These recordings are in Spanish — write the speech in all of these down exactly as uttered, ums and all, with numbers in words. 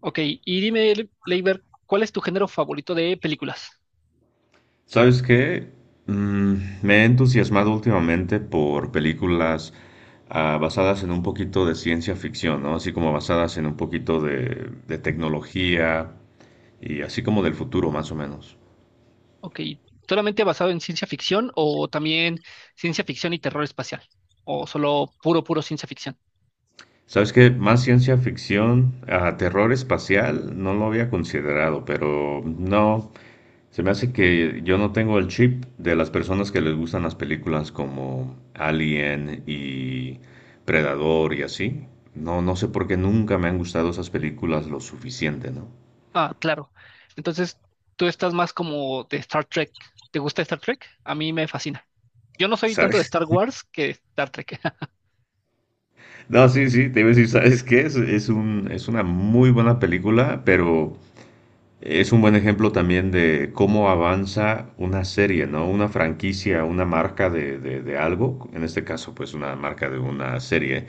Ok, y dime, Le- Leiber, ¿cuál es tu género favorito de películas? ¿Sabes qué? Mm, me he entusiasmado últimamente por películas ah, basadas en un poquito de ciencia ficción, ¿no? Así como basadas en un poquito de, de tecnología y así como del futuro, más o menos. Ok, ¿solamente basado en ciencia ficción o también ciencia ficción y terror espacial? ¿O solo puro, puro ciencia ficción? ¿Sabes qué? Más ciencia ficción, ah, terror espacial, no lo había considerado, pero no. Se me hace que yo no tengo el chip de las personas que les gustan las películas como Alien y Predador y así. No, no sé por qué nunca me han gustado esas películas lo suficiente, ¿no? Ah, claro. Entonces, tú estás más como de Star Trek. ¿Te gusta Star Trek? A mí me fascina. Yo no soy ¿Sabes? tanto de Star Wars que de Star Trek. No, sí, sí, te iba a decir, ¿sabes qué? Es, es un, es una muy buena película, pero es un buen ejemplo también de cómo avanza una serie, ¿no? Una franquicia, una marca de, de- de algo, en este caso, pues una marca de una serie,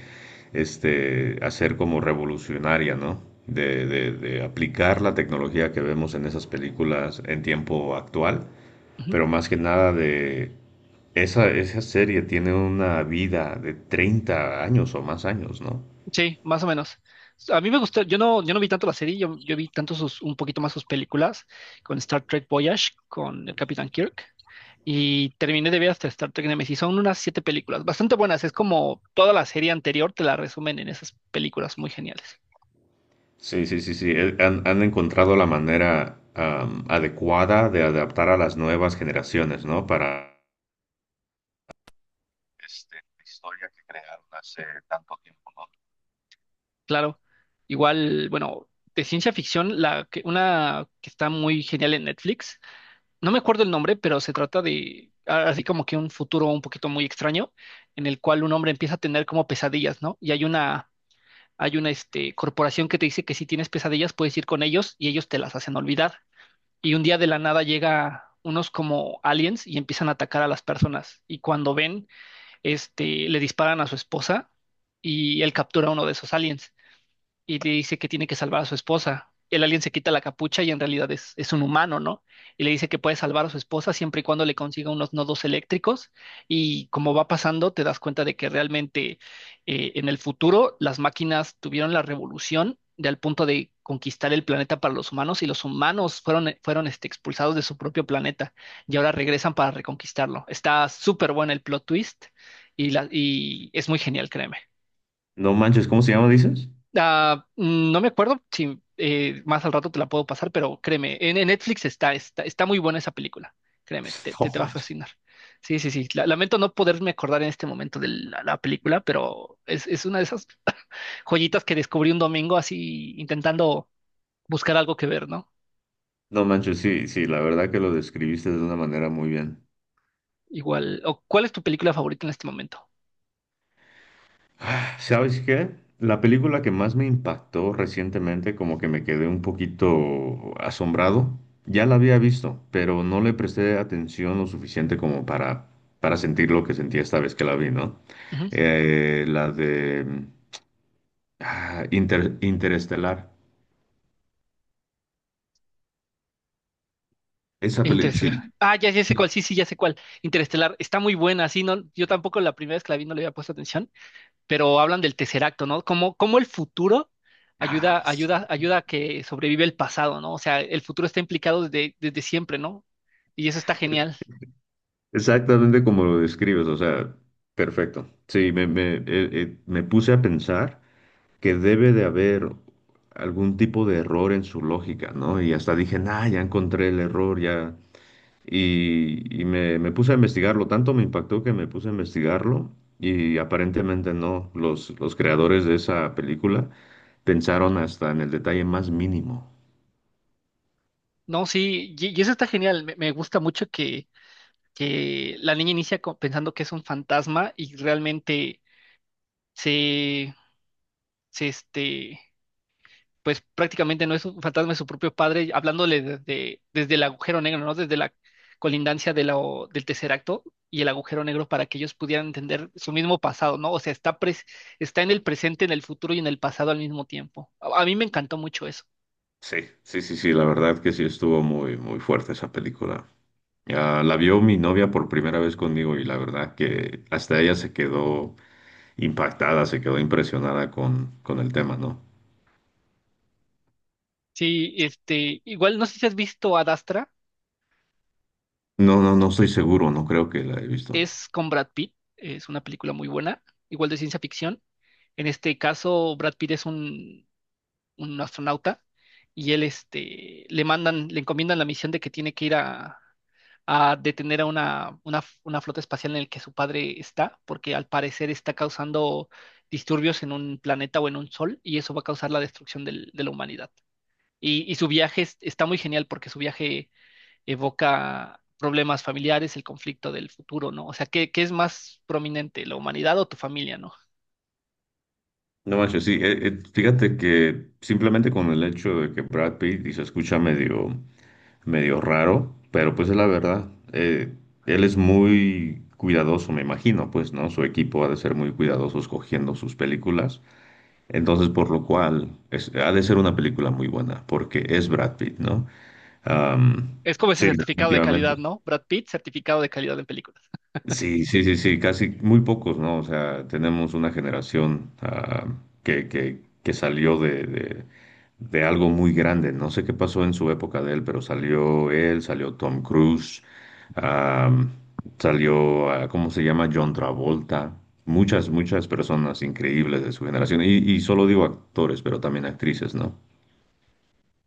este, hacer como revolucionaria, ¿no? De, de- de aplicar la tecnología que vemos en esas películas en tiempo actual, Ujú. pero más que nada de esa, esa serie tiene una vida de treinta años o más años, ¿no? Sí, más o menos. A mí me gustó, yo no, yo no vi tanto la serie, yo, yo vi tanto sus, un poquito más sus películas, con Star Trek Voyage, con el Capitán Kirk, y terminé de ver hasta Star Trek Nemesis. Son unas siete películas, bastante buenas, es como toda la serie anterior, te la resumen en esas películas muy geniales. Sí, sí, sí, sí. eh, Han, han encontrado la manera am, adecuada de adaptar a las nuevas generaciones, ¿no? Para este, la historia que crean. Claro, igual, bueno, de ciencia ficción, la, que- una que está muy genial en Netflix. No me acuerdo el nombre, pero se trata de a- así como que un futuro un poquito muy extraño, en el cual un hombre empieza a tener como pesadillas, ¿no? Y hay una, hay una este, corporación que te dice que si tienes pesadillas puedes ir con ellos y ellos te las hacen olvidar. Y un día de la nada llega unos como aliens y empiezan a atacar a las personas. Y cuando ven, este, le disparan a su esposa y él captura a uno de esos aliens y le dice que tiene que salvar a su esposa. El alien se quita la capucha y en realidad es, es un humano, ¿no? Y le dice que puede salvar a su esposa siempre y cuando le consiga unos nodos eléctricos. Y como va pasando, te das cuenta de que realmente eh, en el futuro las máquinas tuvieron la revolución de al punto de conquistar el planeta para los humanos y los humanos fueron, eh, fueron este, expulsados de su propio planeta y ahora regresan para reconquistarlo. Está súper bueno el plot twist y, la, y es muy genial, créeme. No manches, ¿cómo se llama, dices? Ah, mm, no me acuerdo si eh, más al rato te la puedo pasar, pero créeme, en, en Netflix está, está, está muy buena esa película. Créeme, te, No te, te va a manches. fascinar. Sí, sí, sí. La- lamento no poderme acordar en este momento de la, la película, pero es, es una de esas joyitas que descubrí un domingo así intentando buscar algo que ver, ¿no? No manches, sí, sí, la verdad que lo describiste de una manera muy bien. Igual. O, ¿cuál es tu película favorita en este momento? ¿Sabes qué? La película que más me impactó recientemente, como que me quedé un poquito asombrado, ya la había visto, pero no le presté atención lo suficiente como para, para sentir lo que sentí esta vez que la vi, ¿no? Ujú. Eh, la de mm, ah, Inter- Interestelar. Esa película, sí. Interestelar. Ah, ya, ya sé cuál, sí, sí, ya sé cuál. Interestelar, está muy buena, sí, no, yo tampoco la primera vez que la vi no le había puesto atención, pero hablan del tercer acto, ¿no? Cómo, cómo el futuro ayuda, Ah, ayuda, sí. ayuda a que sobrevive el pasado, ¿no? O sea, el futuro está implicado desde, desde siempre, ¿no? Y eso está genial. Exactamente como lo describes, o sea, perfecto. Sí, me, me, eh, eh, me puse a pensar que debe de haber algún tipo de error en su lógica, ¿no? Y hasta dije, nah, ya encontré el error, ya. Y, y me, me puse a investigarlo, tanto me impactó que me puse a investigarlo y aparentemente no, los, los creadores de esa película pensaron hasta en el detalle más mínimo. No, sí, y, y eso está genial. Me, me gusta mucho que, que la niña inicia co- pensando que es un fantasma y realmente se, se, este, pues prácticamente no es un fantasma, es su propio padre, hablándole desde, desde el agujero negro, ¿no? Desde la colindancia de la, o- del tercer acto y el agujero negro para que ellos pudieran entender su mismo pasado, ¿no? O sea, está, pres- está en el presente, en el futuro y en el pasado al mismo tiempo. A, a mí me encantó mucho eso. Sí, sí, sí, sí, la verdad que sí estuvo muy, muy fuerte esa película. Ah, la vio mi novia por primera vez conmigo y la verdad que hasta ella se quedó impactada, se quedó impresionada con, con el tema, ¿no? Sí, este, igual no sé si has visto Adastra, ¿no? No, no estoy seguro, no creo que la he visto. es con Brad Pitt, es una película muy buena, igual de ciencia ficción. En este caso, Brad Pitt es un un astronauta, y él este, le mandan, le encomiendan la misión de que tiene que ir a, a detener a una, una, una flota espacial en el que su padre está, porque al parecer está causando disturbios en un planeta o en un sol, y eso va a causar la destrucción del- de la humanidad. Y, y su viaje es- está muy genial porque su viaje evoca problemas familiares, el conflicto del futuro, ¿no? O sea, ¿qué, qué es más prominente, la humanidad o tu familia, ¿no? No manches, sí, eh, eh, fíjate que simplemente con el hecho de que Brad Pitt y se escucha medio, medio raro, pero pues es la verdad, eh, él es muy cuidadoso, me imagino, pues, ¿no? Su equipo ha de ser muy cuidadoso escogiendo sus películas, entonces por lo cual es- ha de ser una película muy buena, porque es Brad Pitt, ¿no? Am, Es como ese sí, certificado de definitivamente. calidad, ¿no? Brad Pitt, certificado de calidad en película. Sí, sí, sí, sí, casi muy pocos, ¿no? O sea, tenemos una generación ah, que, que, que salió de, de, de algo muy grande. No sé qué pasó en su época de él, pero salió él, salió Tom Cruise, ah, salió, ah, ¿cómo se llama? John Travolta. Muchas, muchas personas increíbles de su generación. Y, y solo digo actores, pero también actrices, ¿no?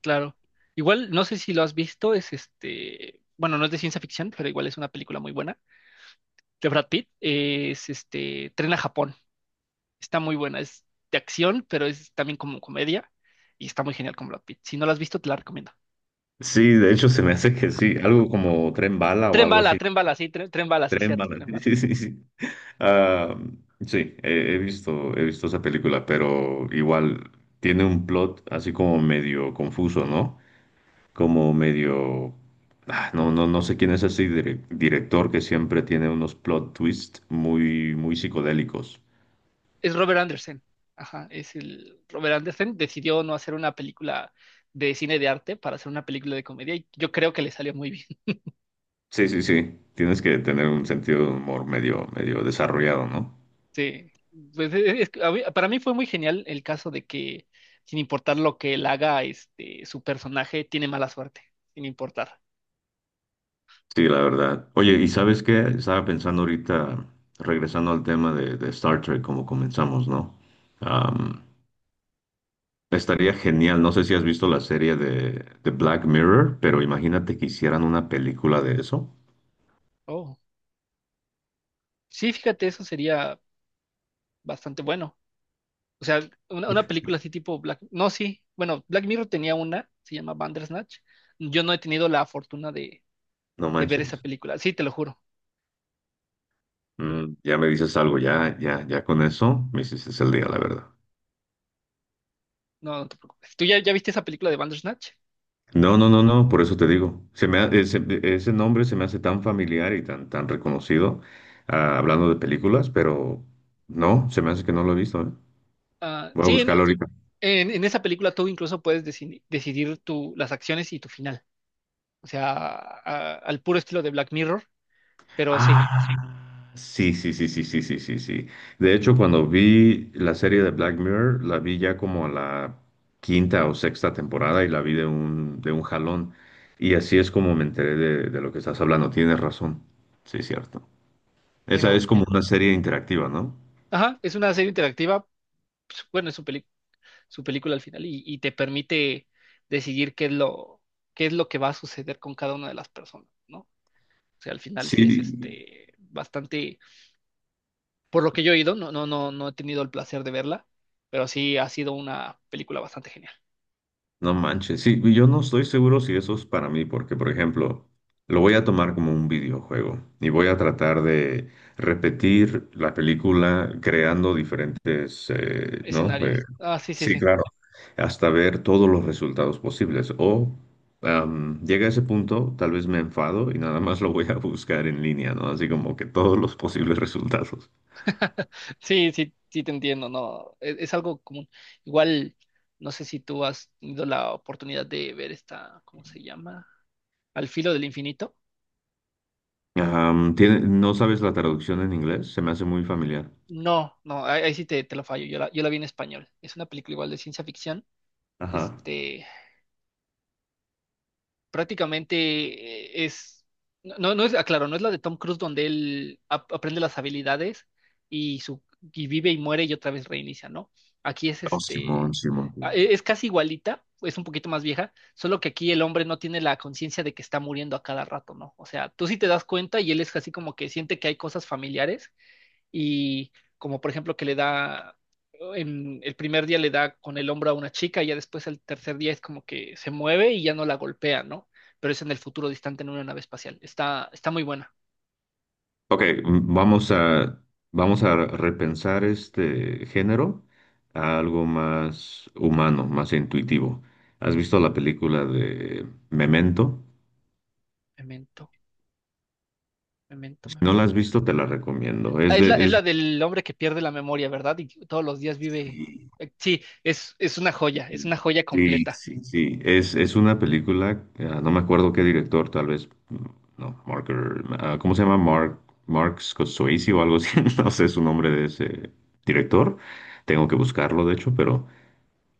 Claro. Igual, no sé si lo has visto, es este, bueno, no es de ciencia ficción, pero igual es una película muy buena. De Brad Pitt, eh, es este, Tren a Japón. Está muy buena, es de acción, pero es también como comedia y está muy genial con Brad Pitt. Si no la has visto, te la recomiendo. Sí, de hecho se me hace que sí, algo como Tren Bala o Tren algo bala, así. tren bala, sí, tren, tren bala, sí, Tres cierto, malas. tren bala. Sí, sí, sí. Ah, sí, he, he visto, he visto esa película, pero igual tiene un plot así como medio confuso, ¿no? Como medio. Ah, no, no, no sé quién es ese dire- director que siempre tiene unos plot twists muy, muy psicodélicos. Es Robert Anderson. Ajá, es el Robert Anderson. Decidió no hacer una película de cine de arte para hacer una película de comedia y yo creo que le salió muy bien. Sí, sí, sí. Tienes que tener un sentido de humor medio, medio desarrollado, ¿no? Sí, pues e- e, es que a mí- para mí fue muy genial el caso de que sin importar lo que él haga, este, su personaje tiene mala suerte, sin importar. Sí, la verdad. Oye, ¿y sabes qué? Estaba pensando ahorita, regresando al tema de, de Star Trek, como comenzamos, ¿no? Am, Estaría genial, no sé si has visto la serie de, de Black Mirror, pero imagínate que hicieran una película de eso. Oh, sí, fíjate, eso sería bastante bueno. O sea, una, una película así tipo Black, no, sí, bueno, Black Mirror tenía una, se llama Bandersnatch. Yo no he tenido la fortuna de, No de ver esa manches. película, sí, te lo juro, Mm, ya me dices algo, ya, ya, ya con eso me hiciste el día, la verdad. no, no te preocupes. ¿Tú ya, ya viste esa película de Bandersnatch? No, no, no, no, por eso te digo. Se me ha- ese, ese nombre se me hace tan familiar y tan, tan reconocido, ah, hablando de películas, pero no, se me hace que no lo he visto, ¿eh? Ah, Voy a sí, en, buscarlo ahorita. en, en esa película tú incluso puedes decidi- decidir tu, las acciones y tu final. O sea, a- al puro estilo de Black Mirror, pero Ah, sí, sí, sí, sí, sí, sí, sí, sí, sí. De hecho, cuando vi la serie de Black Mirror, la vi ya como a la quinta o sexta temporada y la vi de un, de un jalón. Y así es como me enteré de, de lo que estás hablando. Tienes razón. Sí, cierto. Esa sino, es como una serie interactiva, ¿no? ajá, es una serie interactiva, pues, bueno, es su peli- su película al final y, y te permite decidir qué es lo, qué es lo que va a suceder con cada una de las personas, ¿no? O sea, al final sí es Sí, este bastante, por lo que yo he oído, no, no, no, no he tenido el placer de verla, pero sí ha sido una película bastante genial. no manches, sí, y yo no estoy seguro si eso es para mí, porque por ejemplo, lo voy a tomar como un videojuego y voy a tratar de repetir la película creando diferentes, eh, ¿no? Eh, Escenarios. Ah, sí, sí, Sí, sí. claro, hasta ver todos los resultados posibles. O am, llega a ese punto, tal vez me enfado y nada más lo voy a buscar en línea, ¿no? Así como que todos los posibles resultados. Sí, sí, sí te entiendo, no, es, es algo común. Igual, no sé si tú has tenido la oportunidad de ver esta, ¿cómo se llama? Al filo del infinito. Am, tiene- ¿no sabes la traducción en inglés? Se me hace muy familiar. No, no, ahí, ahí sí te, te lo fallo, yo la, yo la vi en español. Es una película igual de ciencia ficción, Ajá. este, prácticamente eh, es, no, no es, aclaro, no es la de Tom Cruise donde él ap- aprende las habilidades y, su, y vive y muere y otra vez reinicia, ¿no? Aquí es Oh, este, Simón, Simón. a- e- es casi igualita, es un poquito más vieja, solo que aquí el hombre no tiene la conciencia de que está muriendo a cada rato, ¿no? O sea, tú sí te das cuenta y él es así como que siente que hay cosas familiares y como por ejemplo que le da, en el primer día le da con el hombro a una chica y ya después el tercer día es como que se mueve y ya no la golpea, ¿no? Pero es en el futuro distante en una nave espacial. Está, está muy buena. Ok, mm, vamos a, vamos a repensar este género a algo más humano, más intuitivo. ¿Has visto la película de Memento? Memento, memento, Si no la has memento. visto, te la recomiendo. Ah, Es es de, la, es es, la del hombre que pierde la memoria, ¿verdad? Y todos los días vive. Sí, Eh, sí, es, es una joya, es una joya sí, completa. sí, sí. Es, es una película, ah, no me acuerdo qué director, tal vez, mm, no, Marker, ah, ¿cómo se llama? Mark, Mark Scorsese o algo así, no sé su nombre de ese director. Tengo que buscarlo, de hecho, pero.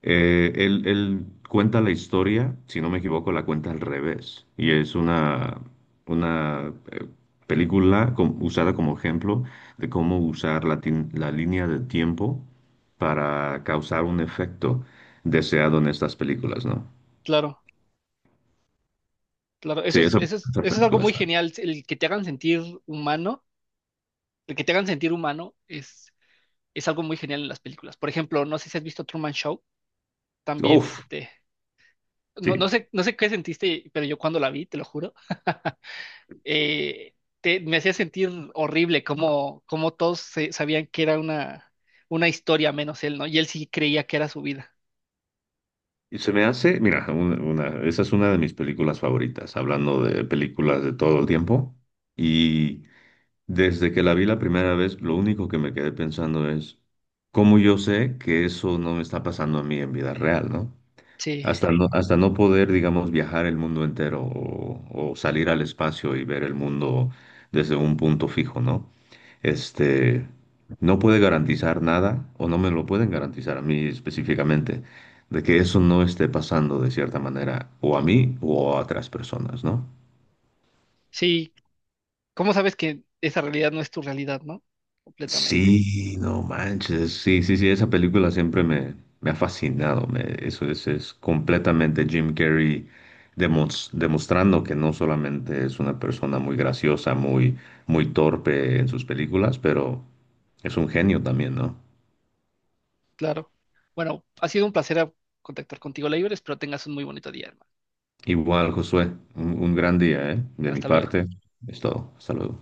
Eh, él, él cuenta la historia, si no me equivoco, la cuenta al revés. Y es una, una eh, película com- usada como ejemplo de cómo usar la, tin- la línea de tiempo para causar un efecto deseado en estas películas, ¿no? Claro, claro. Eso Sí, es, esa, eso es, esa eso es algo película muy está. genial. El que te hagan sentir humano, el que te hagan sentir humano es, es algo muy genial en las películas. Por ejemplo, no sé si has visto Truman Show, también Uf, este, no, no sí. sé, no sé qué sentiste, pero yo cuando la vi, te lo juro, eh, te- me hacía sentir horrible como, como todos se- sabían que era una, una historia menos él, ¿no? Y él sí creía que era su vida. Y se me hace, mira, un- una, esa es una de mis películas favoritas, hablando de películas de todo el tiempo. Y. Desde que la vi la primera vez, lo único que me quedé pensando es cómo yo sé que eso no me está pasando a mí en vida real, ¿no? Sí, Hasta no, hasta no poder, digamos, viajar el mundo entero o, o salir al espacio y ver el mundo desde un punto fijo, ¿no? Este, no puede garantizar nada o no me lo pueden garantizar a mí específicamente de que eso no esté pasando de cierta manera o a mí o a otras personas, ¿no? sí. ¿Cómo sabes que esa realidad no es tu realidad, no? Completamente. Sí, no manches. Sí, sí, sí, esa película siempre me, me ha fascinado. Me, eso es, es completamente Jim Carrey demos- demostrando que no solamente es una persona muy graciosa, muy, muy torpe en sus películas, pero es un genio también, ¿no? Claro. Bueno, ha sido un placer contactar contigo, Leiber. Espero tengas un muy bonito día, hermano. Igual, Josué, un, un gran día, ¿eh? De mi Hasta luego. parte, es todo. Hasta luego.